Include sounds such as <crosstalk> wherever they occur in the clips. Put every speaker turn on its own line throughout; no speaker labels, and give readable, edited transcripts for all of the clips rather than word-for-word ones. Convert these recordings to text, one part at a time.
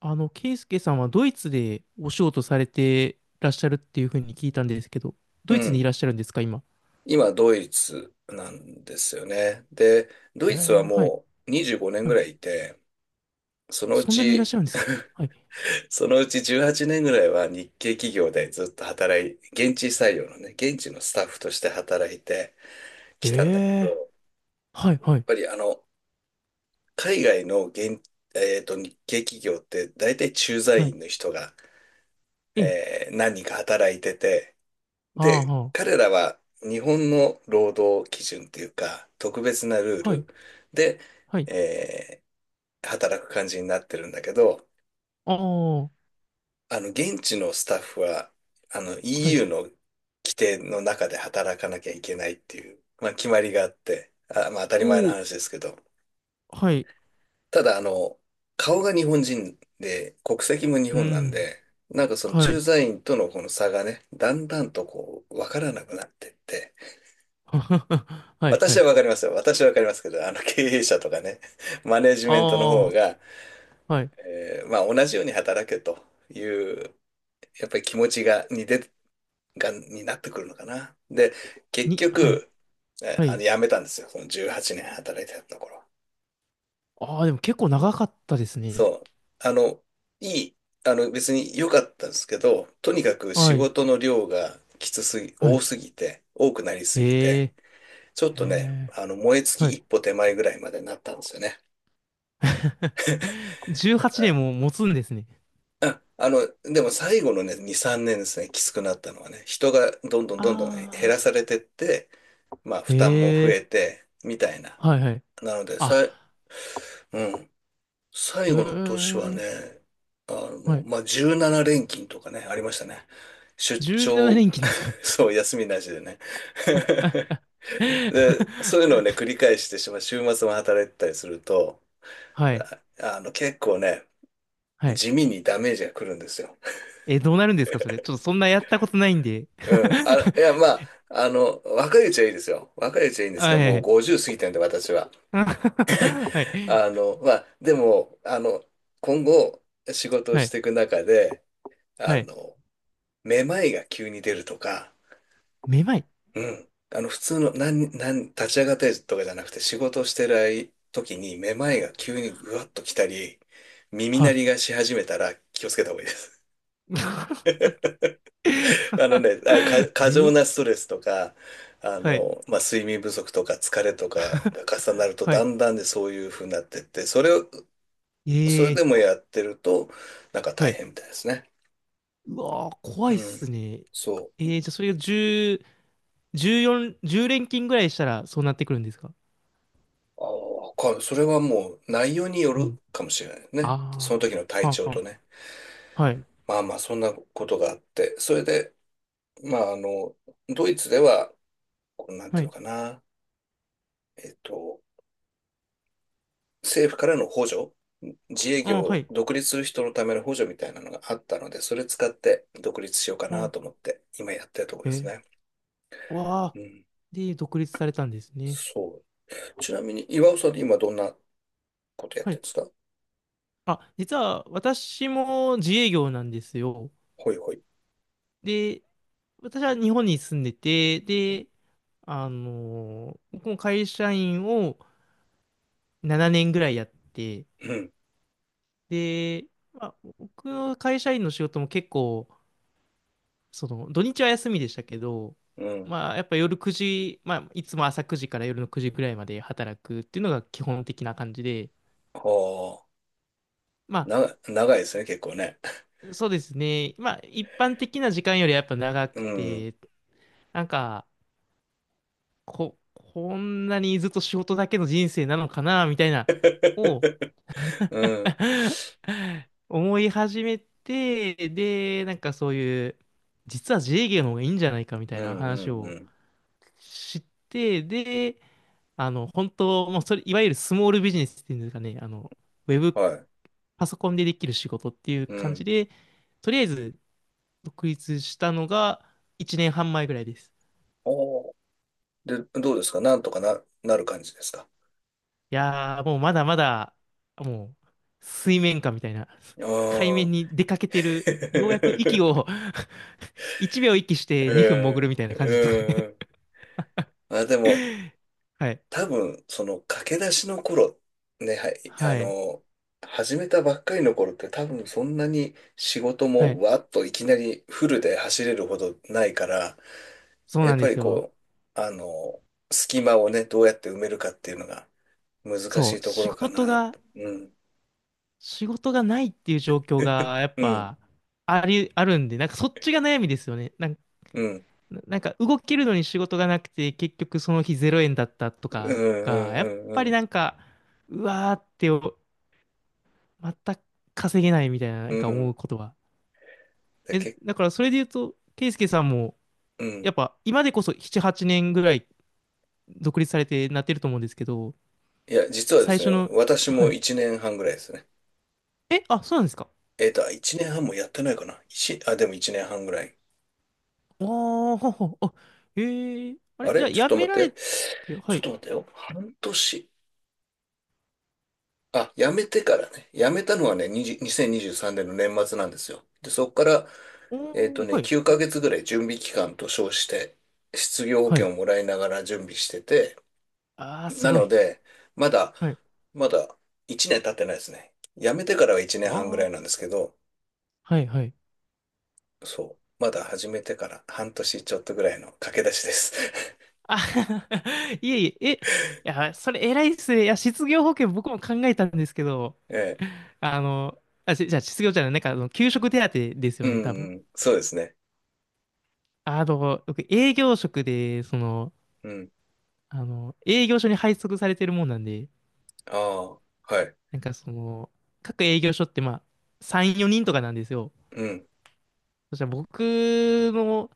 ケイスケさんはドイツでお仕事されてらっしゃるっていうふうに聞いたんですけど、ド
う
イツにい
ん。
らっしゃるんですか、今？
今、ドイツなんですよね。で、ドイツは
はい、
もう25年
は
ぐ
い。
らいいて、そのう
そんなにいらっ
ち、
しゃるんですか？はい。
そのうち18年ぐらいは日系企業でずっと現地採用のね、現地のスタッフとして働いて
え
きたんだけど、や
え
っ
ー、はい、はい、
ぱり海外の現、えーと、日系企業って大体駐
は
在
い。
員の人が、
ええ
何人か働いてて、
あー
で、
は
彼らは日本の労働基準っていうか、特別なルー
はい、
ルで、
はい、
えー働く感じになってるんだけど、
ああ、は
現地のスタッフは、
い。
EU の規定の中で働かなきゃいけないっていう、まあ、決まりがあって、まあ、当たり前の
おー、
話ですけど、
はい、
ただ、顔が日本人で、国籍も日
う
本なん
ん、
で、なんかその
は
駐
い。
在員とのこの差がね、だんだんとこう、わからなくなってって、
<laughs> はい、は
私は
い。
わかりますよ。私はわかりますけど、あの経営者とかね、マネジ
あ
メントの方が、
あ、はい。
まあ同じように働けという、やっぱり気持ちが、にで、が、になってくるのかな。で、結
はい、
局、
はい。
辞めたんですよ。その18年働いてたところ。
ああ、でも結構長かったですね。
そう。あの、いい、あの、別に良かったんですけど、とにかく仕
はい、
事の量がきつすぎ、
はい。
多くなりすぎて、
えー、
ちょっとね、
え
燃え尽
は
き
い。
一歩手前ぐらいまでなったんですよね。
<laughs> 18年も持つんですね。
でも最後のね、2、3年ですね、きつくなったのはね、人がどんどんどんどんね減ら
あ
されてって、まあ
あ。へ
負担も増え
え。
て、みたいな。
はいはい。
なので、さい、
あ、
うん、最
う
後の年は
ーん。
ね、
はい。
まあ17連勤とかね、ありましたね。出
17
張、
連
<laughs>
勤ですか？
そう、休みなしでね。<laughs> で、そういうのをね、
<laughs>
繰り返してしまう、週末も働いてたりすると、
はい。
あ、結構ね、
はい。
地味にダメージが来るんですよ。
え、どうなるんですかそれ？ちょっとそんなやったことないんで。
うん。いや、若いうちはいいですよ。若いうちはいいん
<laughs>
ですけど、
は
もう
い。
50過ぎてるんで、私は。
<laughs> はい。
あの、まあ、でも、あの、今後、仕事を
は
し
い。
ていく中で、あ
はい。
の、めまいが急に出るとか、
めまい。
うん。普通の、なん、なん、立ち上がってとかじゃなくて、仕事をしてる時に、めまいが急にぐわっと来たり、耳鳴り
は
がし始めたら、気をつけた方がいいです。
い。
あ
<laughs>
のね、
え
過剰
ー
なストレスとか、
はい。
睡眠不足とか疲れとかが重なると、
は
だ
い。
んだんでそういう風になってって、そ
え
れで
ー
もやってると、なんか
は
大
い。
変みたいですね。
うわー、怖いっ
うん。
すね。
そう。
じゃあそれが10連勤ぐらいしたらそうなってくるんですか？
ああ、それはもう内容によ
う
る
ん。
かもしれないね。その時
あ
の
あ、
体
は
調
あ
と
は
ね。
あ、はい。
まあまあ、そんなことがあって、それで、まあ、あの、ドイツでは、こうなんて
は
いうの
い。
かな、えっと、政府からの補助自営
あは
業、
い。
独立する人のための補助みたいなのがあったので、それ使って独立しようかなと
あ
思って、今やってるところです
え
ね。
わ
う
あ。
ん。
で、独立されたんですね。
そう。ちなみに、岩尾さんって今どんなことやっ
は
てる
い。
んですか？
あ、実は私も自営業なんですよ。
ほいほい。
で、私は日本に住んでて、で、僕も会社員を7年ぐらいやって、
うん。
で、まあ、僕の会社員の仕事も結構、その、土日は休みでしたけど、
うん。
まあ、やっぱ夜9時、まあ、いつも朝9時から夜の9時くらいまで働くっていうのが基本的な感じで、
はあ。
ま
長いですね、結構ね。
あ、そうですね。まあ、一般的な時間よりやっぱ長
<laughs> う
く
ん。
て、なんか、こんなにずっと仕事だけの人生なのかな、みたいな、を
うん。
<laughs> 思い始めて、で、なんかそういう、実は自営業の方がいいんじゃないかみた
う
いな
ん、う
話
ん、う
を
ん。
知って、で、あの、本当、もうそれ、いわゆるスモールビジネスっていうんですかね、あの、ウェブ
はい。
パソコンでできる仕事っていう
う
感じ
ん。
で、とりあえず独立したのが1年半前ぐらいです。
おー。で、どうですか？なんとかな、なる感じですか？
いやー、もうまだまだ、もう、水面下みたいな、
あ
海
あ
面に出かけてる、ようやく息
ー。
を
<laughs>
<laughs> 1秒息して2分潜る
へ
みたいな感じですかね？
え、うん。あ、でも、
<laughs> はい。
多分、その駆け出しの頃、ね、
はい。
始めたばっかりの頃って多分そんなに仕事
は
も
い。
わっといきなりフルで走れるほどないから、
そう
や
な
っ
んで
ぱり
すよ。
こう、隙間をね、どうやって埋めるかっていうのが難
そ
し
う。
いところかな。うん。
仕事がないっていう状況
<laughs>
がやっ
うん、
ぱあるんで、なんかそっちが悩みですよね。
うん、うん、
なんか動けるのに仕事がなくて結局その日0円だったと
う
かが、やっ
ん、
ぱ
う
り
ん、
なんか、うわーってお全く稼げないみたいな、な
う
んか思
ん。
うことは。
で、
え、だからそれで言うと、ケイスケさんも
う
や
ん。
っぱ今でこそ7、8年ぐらい独立されてなってると思うんですけど、
いや、実はで
最
すね、
初の、
私
は
も
い。
1年半ぐらいですね。
え、あ、そうなんですか？
1年半もやってないかな。でも1年半ぐらい。
ああ、ははあ、ええあ
あ
れ、じゃ
れ
あ、
ちょっ
や
と
め
待っ
られ
て。
て、は
ちょっ
い。
と待ってよ。半年。あ、辞めてからね。辞めたのはね、20 2023年の年末なんですよ。で、そこから、
おー、はい、
9ヶ月ぐらい準備期間と称して、失業保
は
険
い。
をもらいながら準備してて、
ああ、す
な
ご
の
い。
で、まだ、
はい。
まだ1年経ってないですね。辞めてからは1年半ぐらい
あ
なん
あ、
ですけど、
はい、はい。
そう。まだ始めてから半年ちょっとぐらいの駆け出しです。<laughs>
あ <laughs> いえいえ、いや、それ偉いっすね。いや、失業保険僕も考えたんですけど、
ええ。
あの、じゃあ、失業じゃない、なんか、あの、給食手当です
う
よね、多分。
ん、うんそうですね。
あの、僕、営業職で、その、
うん。
あの、営業所に配属されてるもんなんで、
ああ、はい。
なんか、その、各営業所って、まあ、3、4人とかなんですよ。
うん。
そしたらの、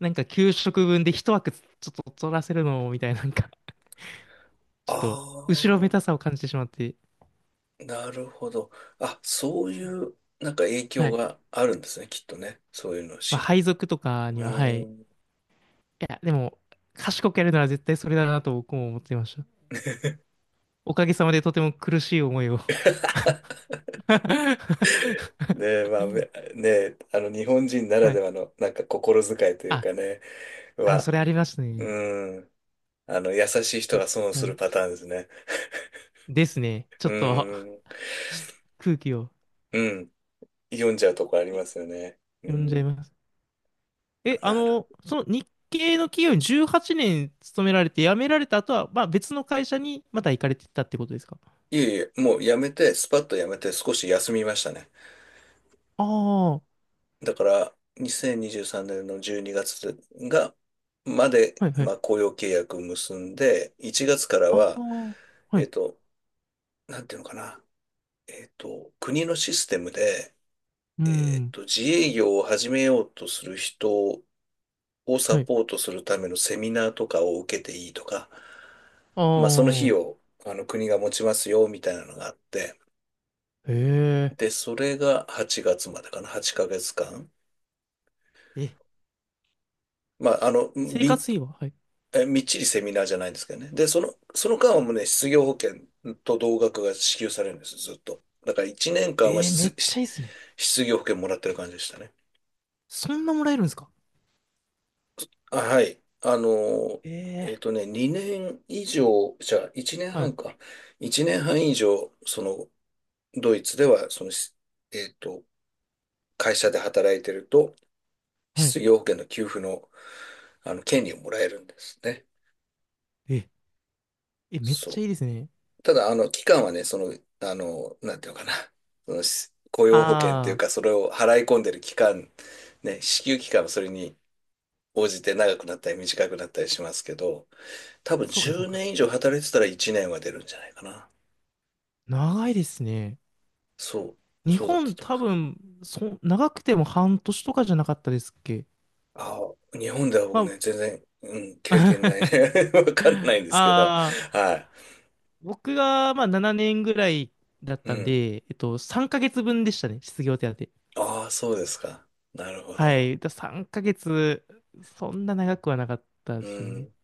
なんか給食分で一枠ょっと取らせるのもみたいな、なんか、<laughs> ちょっ
あ
と、後ろめたさを感じてしまって、
あ、なるほど。あ、そういう、なんか影
は
響
い。
があるんですね、きっとね。そういうの
まあ、
し。
配属とか
う
には、はい。
ー
い
ん。
や、でも、賢くやるなら絶対それだなと僕も思っていました。おかげさまでとても苦しい思いを <laughs>
で、まあ、ね、日本人なら
は
で
い。
はの、なんか心遣いという
あ、
かね、は、
それありました
う
ね。
ーん、優しい人が損を
な
する
る
パターンですね。
ですね。ち
う
ょっと
ーん、
空気を
うん、読んじゃうとこありますよね。う
読んじゃい
ん、
ます。え、あ
なる。
の、その日系の企業に18年勤められて辞められた後は、まあ別の会社にまた行かれてたってことですか？
いえいえ、もうやめて、スパッとやめて少し休みましたね。
ああ、は
だから、2023年の12月がつが、まで、
いは
ま
い。
あ、雇用契約を結んで、1月から
あ
は、
あ、は
え
い。
っと、なんていうのかな、国のシステムで、
うん、
自営業を始めようとする人をサ
はい。
ポートするためのセミナーとかを受けていいとか、まあ、その費
ああ、
用、国が持ちますよ、みたいなのがあって、
へ
で、それが8月までかな、8ヶ月間。
え。え、
まあ、
生活
び
費ははい。
みっちりセミナーじゃないんですけどね。で、その間はもうね、失業保険と同額が支給されるんです、ずっと。だから1年間は
えー、めっちゃいいですね。
失業保険もらってる感じでしたね。
そんなもらえるんですか？
はい。
ええ
2年以上、じゃあ1年
ーはい、
半か。1年半以上、ドイツでは、えっと、会社で働いてると、
はい。
失業保険の給付の、権利をもらえるんですね。
え、え、めっちゃ
そ
いいですね。
う。ただ、期間はね、なんていうのかな、<laughs> 雇用保険って
あ
いう
あ、
か、それを払い込んでる期間、ね、支給期間はそれに応じて長くなったり短くなったりしますけど、多分
そうかそう
10
か。
年以上働いてたら1年は出るんじゃないかな。
長いですね。
そう、
日
そうだった
本
と思い
多
ます。
分、長くても半年とかじゃなかったですっけ？
ああ、日本では
ま
僕
あ、
ね、全然、うん、経験ない
<laughs>
ね。<laughs> わかんないんですけど、
ああ、
は
僕がまあ7年ぐらいだっ
い。う
たん
ん。
で、えっと、3ヶ月分でしたね、失業手当。
ああ、そうですか。なるほ
は
ど。
い。3ヶ月、そんな長くはなかったで
う
すね。
ん、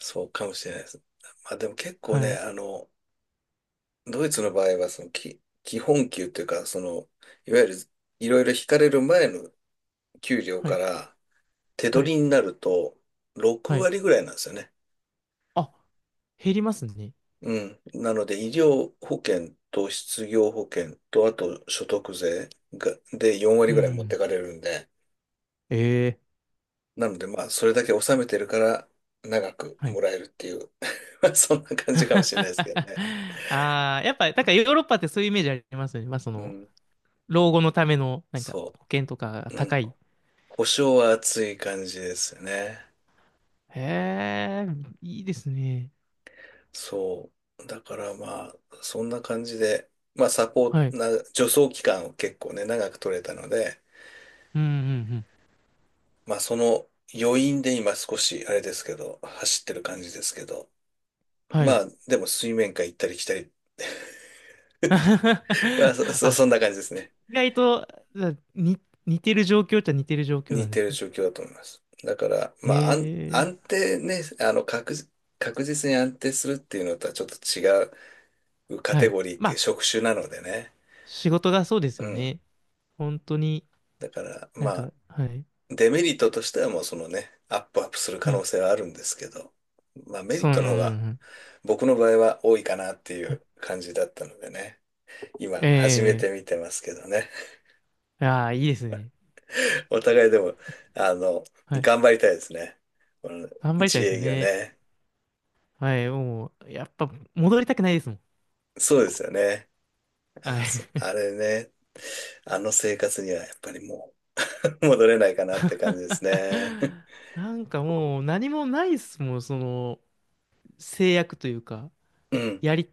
そうかもしれないです。まあでも結構
は
ね、
い。
ドイツの場合は、そのき、基本給というか、いわゆるいろいろ引かれる前の給料
は
か
い。
ら手
はい。
取りになると6
はい。
割ぐらいなんですよね。
あ、減りますね。
うん。なので、医療保険と失業保険と、あと所得税で4
う
割ぐらい持って
ん。
かれるんで、
ええ。
なので、まあ、それだけ納めてるから長く
はい。
もらえるっていう <laughs> まあそんな感じかもしれないですけどね。
<laughs> ああ、やっぱ、なんかヨーロッパってそういうイメージありますよね。まあ、そ
う
の、
ん。
老後のための、なんか、
そ
保険とかが
う。う
高
ん。
い。
保証は厚い感じですよね。
へえ、いいですね。
そう。だからまあ、そんな感じで、まあサポ
は
ー
い。
な、助走期間を結構ね、長く取れたので、
うんうんうん。
まあその余韻で今少し、あれですけど、走ってる感じですけど、
は
ま
い。
あでも水面下行ったり来たり、まあそ、<laughs>
<laughs>
そ
あ、
そんな感じですね。
意外と、あに、似てる状況っちゃ似てる状況な
似
んで
て
す
る
ね。
状況だと思います。だから、まあ
へえ、
安定ね、確実に安定するっていうのとはちょっと違うカ
は
テ
い。
ゴリーっ
ま
ていう
あ、
職種なのでね。
仕事がそうです
う
よ
ん。
ね。本当に、
だから、
な
ま
ん
あ、
か、はい、
デメリットとしてはもうそのね、アップアップする可
はい。
能性はあるんですけど、まあメリッ
そう、うんう
トの方
ん
が
うん
僕の場合は多いかなってい
はい。
う感じだったのでね、今始めて
え
みてますけどね、
え、ああ、いいですね。
<laughs> お互いでも、あの、
はい。
頑張りたいですね。この
頑張りた
自
いです
営業
ね。
ね。
はい、もう、やっぱ、戻りたくないですもん。
そうですよね。
は
あ、
い。
あれね、あの生活にはやっぱりもう <laughs> 戻れないかなって感じですね。<laughs>
<laughs> なんかもう、何もないですもん、その、制約というか、
うん、
やり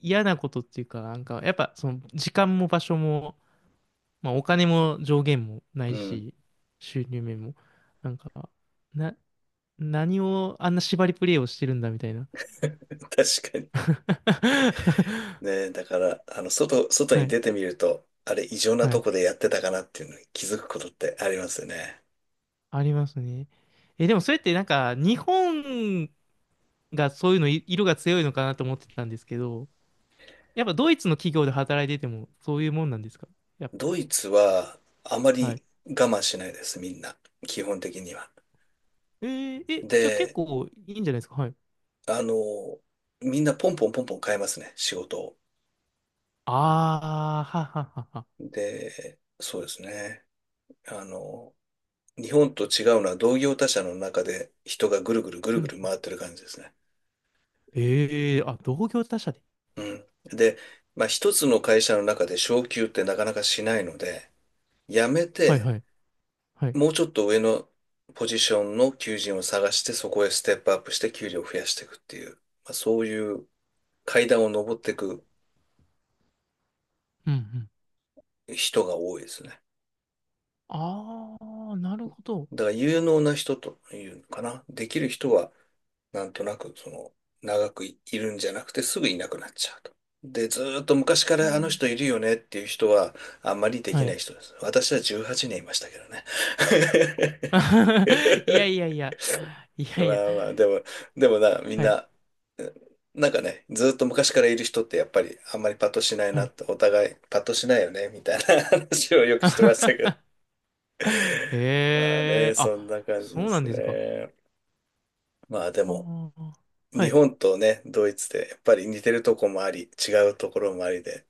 嫌なことっていうか、なんか、やっぱその時間も場所も、まあお金も上限もない
うん、
し、収入面も、なんか、な、何をあんな縛りプレイをしてるんだみたいな。
確かに。ねえ、
<laughs>
だから、外
は
に
い、
出てみると、あれ、異常な
は
と
い、
こでやってたかなっていうのに気づくことってありますよね。
ありますね。え、でもそれってなんか、日本がそういうのい、色が強いのかなと思ってたんですけど、やっぱドイツの企業で働いててもそういうもんなんですか？やっ
ドイツは、あま
ぱ、はい。
り我慢しないです、みんな。基本的には。
えーえ、じゃあ結
で、
構いいんじゃないですか？はい。
あの、みんなポンポンポンポン変えますね、仕事を。
ああ、はははは。
で、そうですね。あの、日本と違うのは同業他社の中で人がぐるぐるぐる
う
ぐる
ん。
回ってる感じですね。
ええあ、同業他社で。
うん。で、まあ、一つの会社の中で昇給ってなかなかしないので、辞め
はい
て、
はい。はい。
もうちょっと上のポジションの求人を探して、そこへステップアップして給料を増やしていくっていう、まあ、そういう階段を登っていく
うんうん。
人が多いですね。
ああ、なるほど。
だから有能な人というのかな。できる人は、なんとなく、長くい、いるんじゃなくてすぐいなくなっちゃうと。で、ずーっと昔か
う
らあの
ん、
人いるよねっていう人は、あんまりでき
は
な
い。
い人です。私は18年いましたけどね。
<laughs> いやい
<laughs>
やいや。い
ま
やいや。
あまあ、でも、でもな、みん
はい。
な、えなんかね、ずっと昔からいる人ってやっぱりあんまりパッとしない
は
な
い。
って、お互いパッとしないよね、みたいな <laughs> 話をよくしてましたけど。
<laughs>
まあ
え
ね、
え
そんな
あ、
感じ
そ
で
うなん
す
ですか？
ね。まあでも、
はあ。は
日
い。
本とね、ドイツでやっぱり似てるとこもあり、違うところもありで、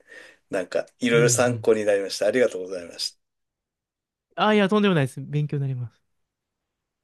なんかい
う
ろ
ん
い
う
ろ参
ん。
考になりました。ありがとうございました。
あ、いや、とんでもないです。勉強になります。